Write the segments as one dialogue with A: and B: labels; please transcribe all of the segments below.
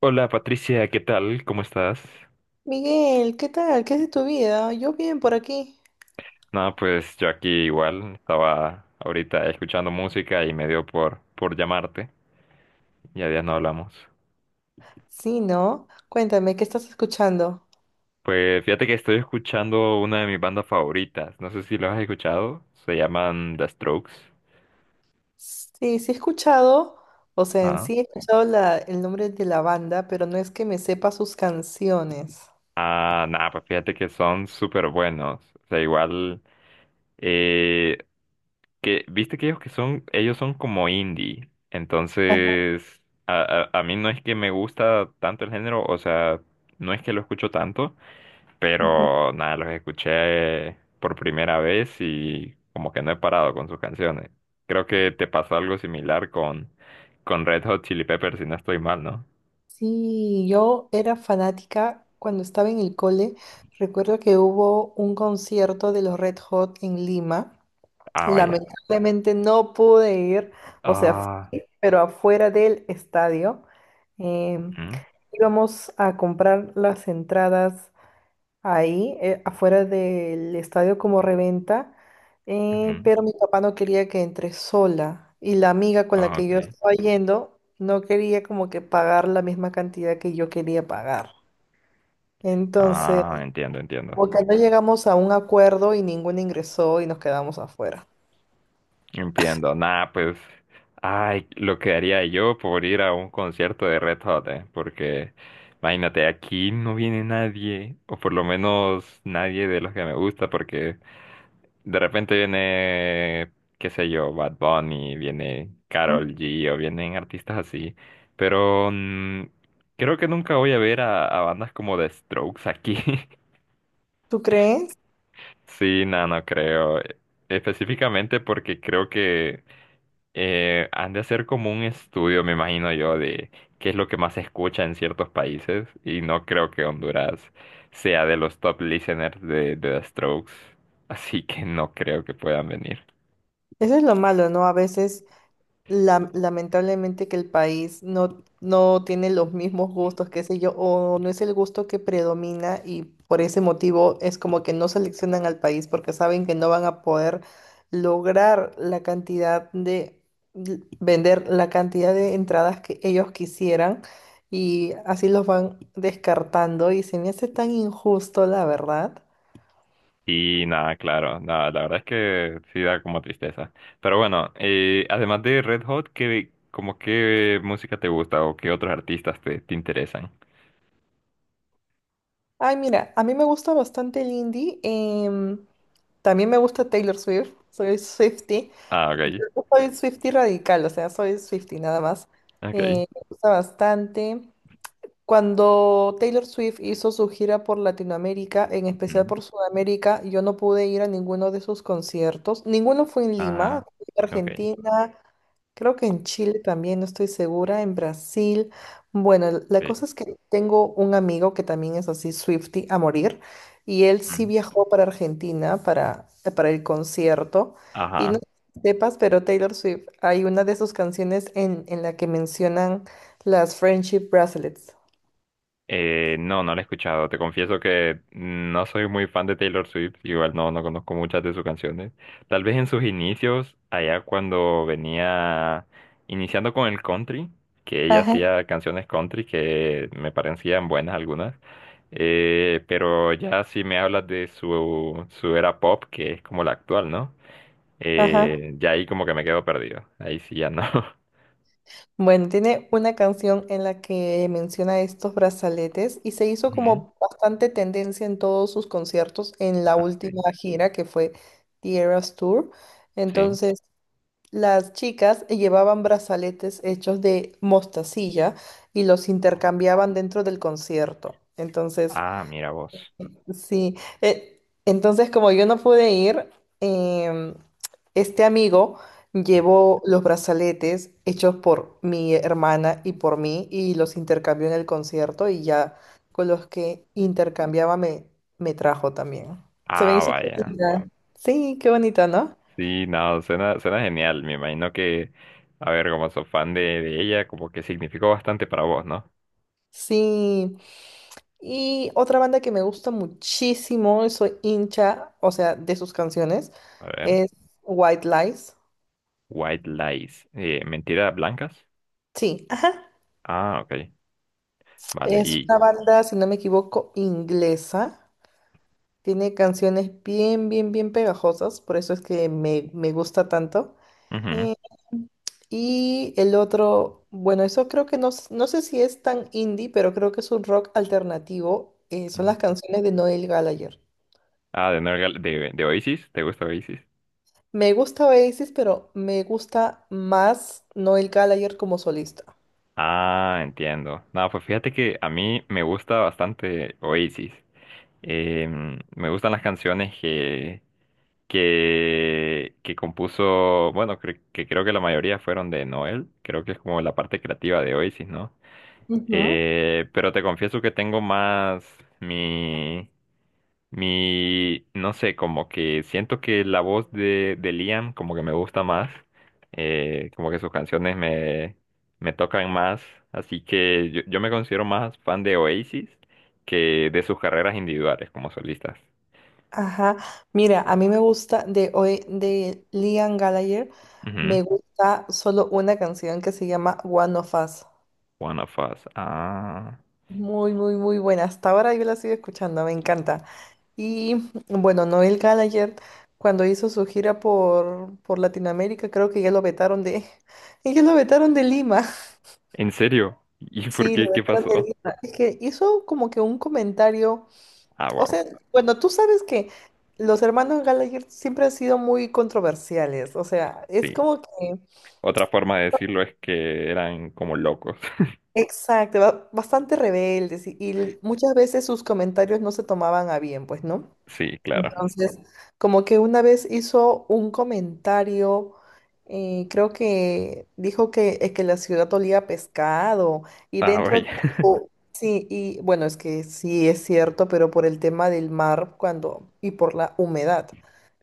A: Hola Patricia, ¿qué tal? ¿Cómo estás?
B: Miguel, ¿qué tal? ¿Qué es de tu vida? Yo bien por aquí.
A: No, pues yo aquí igual estaba ahorita escuchando música y me dio por llamarte. Ya días no hablamos.
B: Sí, ¿no? Cuéntame, ¿qué estás escuchando?
A: Pues fíjate que estoy escuchando una de mis bandas favoritas. No sé si lo has escuchado. Se llaman The Strokes.
B: Sí, sí he escuchado, o sea, en
A: Ah,
B: sí he escuchado el nombre de la banda, pero no es que me sepa sus canciones.
A: ah, nada, pues fíjate que son súper buenos. O sea, igual. eh, que viste que ellos que son, ellos son como indie, entonces a mí no es que me gusta tanto el género, o sea, no es que lo escucho tanto,
B: Ujú.
A: pero nada, los escuché por primera vez y como que no he parado con sus canciones. Creo que te pasó algo similar con Red Hot Chili Peppers, si no estoy mal, ¿no?
B: Sí, yo era fanática cuando estaba en el cole. Recuerdo que hubo un concierto de los Red Hot en Lima.
A: Ah, vaya.
B: Lamentablemente no pude ir, o sea,
A: Ah,
B: fui, pero afuera del estadio. em,
A: ujú,
B: Íbamos a comprar las entradas ahí, afuera del estadio como reventa,
A: ujú.
B: pero mi papá no quería que entre sola y la amiga con la
A: Ah,
B: que yo
A: ok.
B: estaba yendo no quería como que pagar la misma cantidad que yo quería pagar. Entonces,
A: Ah, entiendo, entiendo.
B: porque no llegamos a un acuerdo y ninguno ingresó y nos quedamos afuera.
A: Entiendo, nada, pues, ay, lo que haría yo por ir a un concierto de Red Hot, porque imagínate, aquí no viene nadie, o por lo menos nadie de los que me gusta, porque de repente viene, qué sé yo, Bad Bunny, viene
B: ¿Mm?
A: Karol G, o vienen artistas así, pero creo que nunca voy a ver a bandas como The Strokes aquí.
B: ¿Tú crees?
A: Sí, no, no creo. Específicamente porque creo que han de hacer como un estudio, me imagino yo, de qué es lo que más se escucha en ciertos países. Y no creo que Honduras sea de los top listeners de The Strokes. Así que no creo que puedan venir.
B: Eso es lo malo, ¿no? A veces, lamentablemente, que el país no, no tiene los mismos gustos, qué sé yo, o no es el gusto que predomina y por ese motivo es como que no seleccionan al país porque saben que no van a poder lograr la cantidad de, vender la cantidad de entradas que ellos quisieran y así los van descartando y se me hace tan injusto, la verdad.
A: Y nada, claro, nada, la verdad es que sí da como tristeza. Pero bueno, además de Red Hot, ¿qué, como qué música te gusta o qué otros artistas te, te interesan?
B: Ay, mira, a mí me gusta bastante el indie. También me gusta Taylor Swift. Soy Swiftie.
A: Ah, ok,
B: No soy Swiftie radical, o sea, soy Swiftie nada más.
A: ok.
B: Me gusta bastante. Cuando Taylor Swift hizo su gira por Latinoamérica, en especial por Sudamérica, yo no pude ir a ninguno de sus conciertos. Ninguno fue en Lima,
A: Ah,
B: fui a
A: ok.
B: Argentina. Creo que en Chile también, no estoy segura, en Brasil. Bueno, la
A: Sí.
B: cosa es que tengo un amigo que también es así, Swifty, a morir, y él sí
A: Mm.
B: viajó para Argentina para el concierto. Y no
A: Ajá.
B: sé si sepas, pero Taylor Swift, hay una de sus canciones en la que mencionan las Friendship Bracelets.
A: No, no la he escuchado. Te confieso que no soy muy fan de Taylor Swift. Igual no, no conozco muchas de sus canciones. Tal vez en sus inicios, allá cuando venía iniciando con el country, que ella
B: Ajá.
A: hacía canciones country que me parecían buenas algunas. Pero ya si me hablas de su era pop, que es como la actual, ¿no?
B: Ajá.
A: Ya ahí como que me quedo perdido. Ahí sí ya no.
B: Bueno, tiene una canción en la que menciona estos brazaletes y se hizo
A: Ujú.
B: como bastante tendencia en todos sus conciertos en la
A: Ah, ok.
B: última gira que fue The Eras Tour.
A: Sí.
B: Entonces, las chicas llevaban brazaletes hechos de mostacilla y los intercambiaban dentro del concierto. Entonces,
A: Ah, mira vos.
B: sí, entonces como yo no pude ir, em, este amigo
A: Ujú.
B: llevó los brazaletes hechos por mi hermana y por mí y los intercambió en el concierto y ya con los que intercambiaba me trajo también. Se me
A: Ah,
B: hizo
A: vaya.
B: bonita. Sí, qué bonita, ¿no?
A: Sí, no, suena, suena genial. Me imagino que, a ver, como sos fan de ella, como que significó bastante para vos, ¿no?
B: Sí. Y otra banda que me gusta muchísimo, y soy hincha, o sea, de sus canciones,
A: A ver.
B: es White Lies.
A: White lies. ¿Mentiras blancas?
B: Sí.
A: Ah, ok. Vale.
B: Es
A: Y.
B: una banda, si no me equivoco, inglesa. Tiene canciones bien pegajosas, por eso es que me gusta tanto.
A: Ujú.
B: Eh, y el otro, bueno, eso creo que no, no sé si es tan indie, pero creo que es un rock alternativo. Son las
A: Ujú.
B: canciones de Noel Gallagher.
A: Ah, de Oasis. ¿Te gusta Oasis?
B: Me gusta Oasis, pero me gusta más Noel Gallagher como solista.
A: Ah, entiendo. No, pues fíjate que a mí me gusta bastante Oasis. Em, me gustan las canciones que compuso, bueno, que creo que la mayoría fueron de Noel, creo que es como la parte creativa de Oasis, ¿no?
B: Ujú.
A: Pero te confieso que tengo más mi, no sé, como que siento que la voz de Liam como que me gusta más, como que sus canciones me tocan más, así que yo me considero más fan de Oasis que de sus carreras individuales como solistas.
B: Ajá, mira, a mí me gusta de hoy de Liam Gallagher,
A: Ujú.
B: me gusta solo una canción que se llama One of Us.
A: One of Us. Ah.
B: Muy, muy, muy buena. Hasta ahora yo la sigo escuchando, me encanta. Y bueno, Noel Gallagher, cuando hizo su gira por Latinoamérica, creo que ya lo vetaron de, ya lo vetaron de Lima.
A: ¿En serio? ¿Y por
B: Sí, lo
A: qué? ¿Qué
B: vetaron de
A: pasó?
B: Lima. Es que hizo como que un comentario.
A: Ah,
B: O
A: wow.
B: sea, bueno, tú sabes que los hermanos Gallagher siempre han sido muy controversiales, o sea, es
A: Sí.
B: como que,
A: Otra forma de decirlo es que eran como locos.
B: exacto, bastante rebeldes y, y muchas veces sus comentarios no se tomaban a bien, pues, ¿no?
A: Sí, claro.
B: Entonces, como que una vez hizo un comentario, creo que dijo que la ciudad olía a pescado y
A: Ah,
B: dentro,
A: vaya.
B: sí, y bueno, es que sí es cierto, pero por el tema del mar cuando y por la humedad.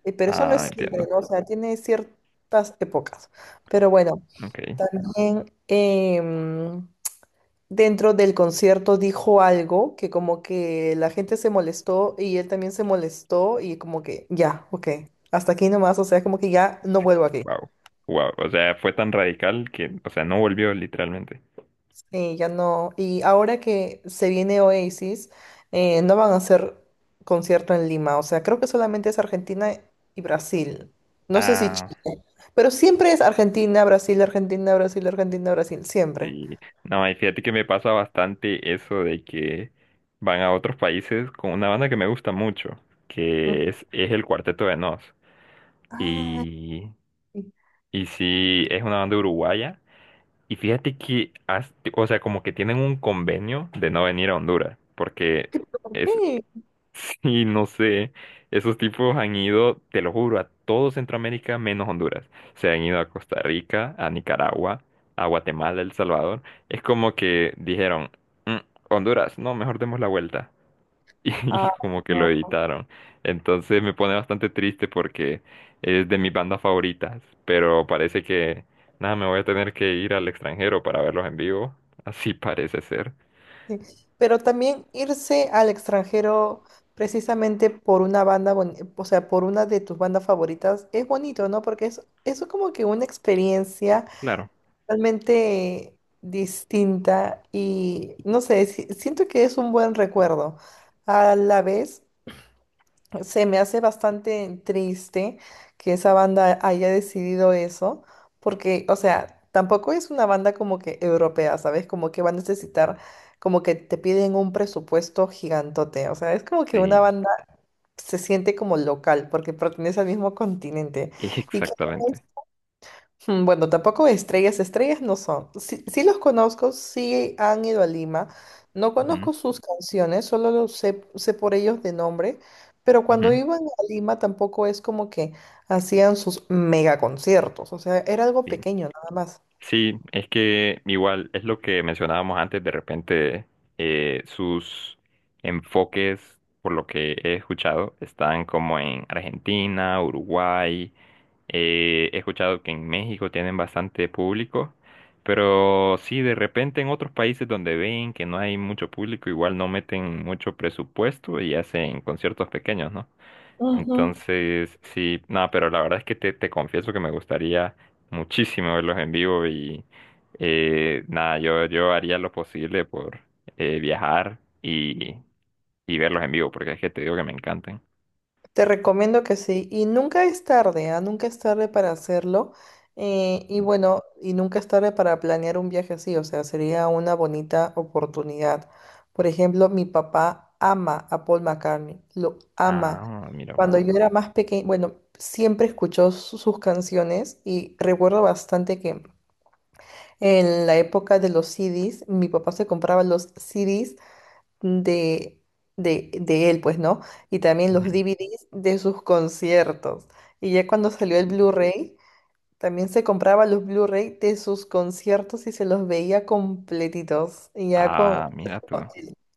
B: Pero eso no
A: Ah,
B: es siempre,
A: entiendo.
B: ¿no? O sea, tiene ciertas épocas. Pero bueno,
A: Ok.
B: también... dentro del concierto dijo algo que como que la gente se molestó y él también se molestó y como que ya, ok, hasta aquí nomás, o sea, como que ya no vuelvo aquí.
A: Wow. Wow. O sea, fue tan radical que, o sea, no volvió literalmente.
B: Sí, ya no. Y ahora que se viene Oasis, no van a hacer concierto en Lima, o sea, creo que solamente es Argentina y Brasil. No sé si
A: Ah,
B: Chile, pero siempre es Argentina, Brasil, Argentina, Brasil, Argentina, Brasil, siempre.
A: sí. No, y fíjate que me pasa bastante eso de que van a otros países con una banda que me gusta mucho,
B: Ujú.
A: es el Cuarteto de Nos.
B: Ay,
A: Y, y sí, es una banda uruguaya. Y fíjate que, o sea, como que tienen un convenio de no venir a Honduras, porque
B: ¿por
A: es.
B: qué?
A: Sí, no sé, esos tipos han ido, te lo juro, a todo Centroamérica menos Honduras. Se han ido a Costa Rica, a Nicaragua, a Guatemala, El Salvador. Es como que dijeron, "Mm, Honduras, no, mejor demos la vuelta y
B: Ah,
A: como que lo
B: no.
A: editaron". Entonces me pone bastante triste porque es de mis bandas favoritas, pero parece que nada, me voy a tener que ir al extranjero para verlos en vivo. Así parece ser.
B: Sí, pero también irse al extranjero precisamente por una banda, o sea, por una de tus bandas favoritas, es bonito, ¿no? Porque es como que una experiencia
A: Claro,
B: realmente distinta y no sé, siento que es un buen recuerdo. A la vez, se me hace bastante triste que esa banda haya decidido eso, porque, o sea, tampoco es una banda como que europea, ¿sabes? Como que va a necesitar, como que te piden un presupuesto gigantote, o sea, es como que una
A: sí,
B: banda se siente como local, porque pertenece al mismo continente. Y que
A: exactamente.
B: mm, bueno, tampoco estrellas, estrellas no son. Sí, sí los conozco, sí han ido a Lima. No
A: Ujú,
B: conozco sus canciones, solo los sé, sé por ellos de nombre, pero
A: ujú,
B: cuando iban a Lima tampoco es como que hacían sus mega conciertos, o sea, era algo
A: sí.
B: pequeño nada
A: Sí, es que igual es lo que mencionábamos antes, de repente sus enfoques, por lo que he escuchado, están como en Argentina, Uruguay. He escuchado que en México tienen bastante público, pero sí, de repente en otros países donde ven que no hay mucho público, igual no meten mucho presupuesto y hacen conciertos pequeños, ¿no?
B: más.
A: Entonces, sí, nada, pero la verdad es que te confieso que me gustaría muchísimo verlos en vivo y nada, yo haría lo posible por viajar y verlos en vivo, porque es que te digo que me encantan.
B: Te recomiendo que sí. Y nunca es tarde, ¿ah? Nunca es tarde para hacerlo. Y bueno, y nunca es tarde para planear un viaje así. O sea, sería una bonita oportunidad. Por ejemplo, mi papá ama a Paul McCartney. Lo ama.
A: Ah, mira, pues.
B: Cuando yo era más pequeña, bueno, siempre escuchó sus canciones y recuerdo bastante que en la época de los CDs, mi papá se compraba los CDs de, de él, pues, ¿no? Y también los
A: Ujú.
B: DVDs de sus conciertos. Y ya cuando salió el Blu-ray, también se compraba los Blu-ray de sus conciertos y se los veía completitos. Y ya con...
A: Ah, mira tú.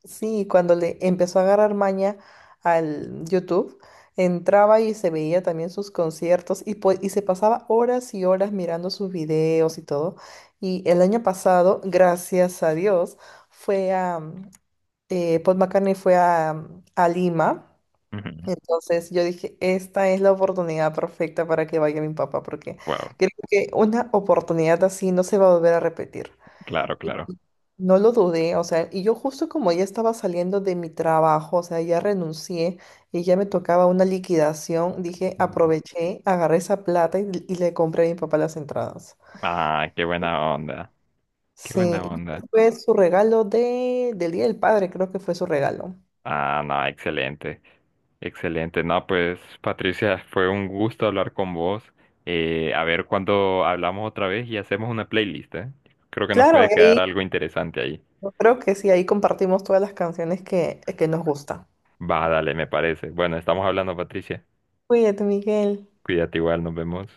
B: sí, cuando le empezó a agarrar maña al YouTube, entraba y se veía también sus conciertos y, y se pasaba horas y horas mirando sus videos y todo. Y el año pasado, gracias a Dios, fue a, Paul McCartney fue a Lima.
A: Ujú.
B: Entonces yo dije, esta es la oportunidad perfecta para que vaya mi papá, porque
A: Wow,
B: creo que una oportunidad así no se va a volver a repetir.
A: claro, claro.
B: No lo dudé, o sea, y yo justo como ya estaba saliendo de mi trabajo, o sea, ya renuncié y ya me tocaba una liquidación, dije,
A: Ujú.
B: aproveché, agarré esa plata y le compré a mi papá las entradas.
A: Ah, qué buena onda, qué
B: Sí,
A: buena onda.
B: fue su regalo de, del Día del Padre, creo que fue su regalo.
A: Ah, no, excelente, excelente. No, pues Patricia, fue un gusto hablar con vos. A ver cuándo hablamos otra vez y hacemos una playlist, ¿eh? Creo que nos
B: Claro,
A: puede quedar
B: ahí
A: algo interesante ahí.
B: yo creo que sí, ahí compartimos todas las canciones que nos gustan.
A: Va, dale, me parece. Bueno, estamos hablando, Patricia.
B: Cuídate, Miguel.
A: Cuídate igual, nos vemos.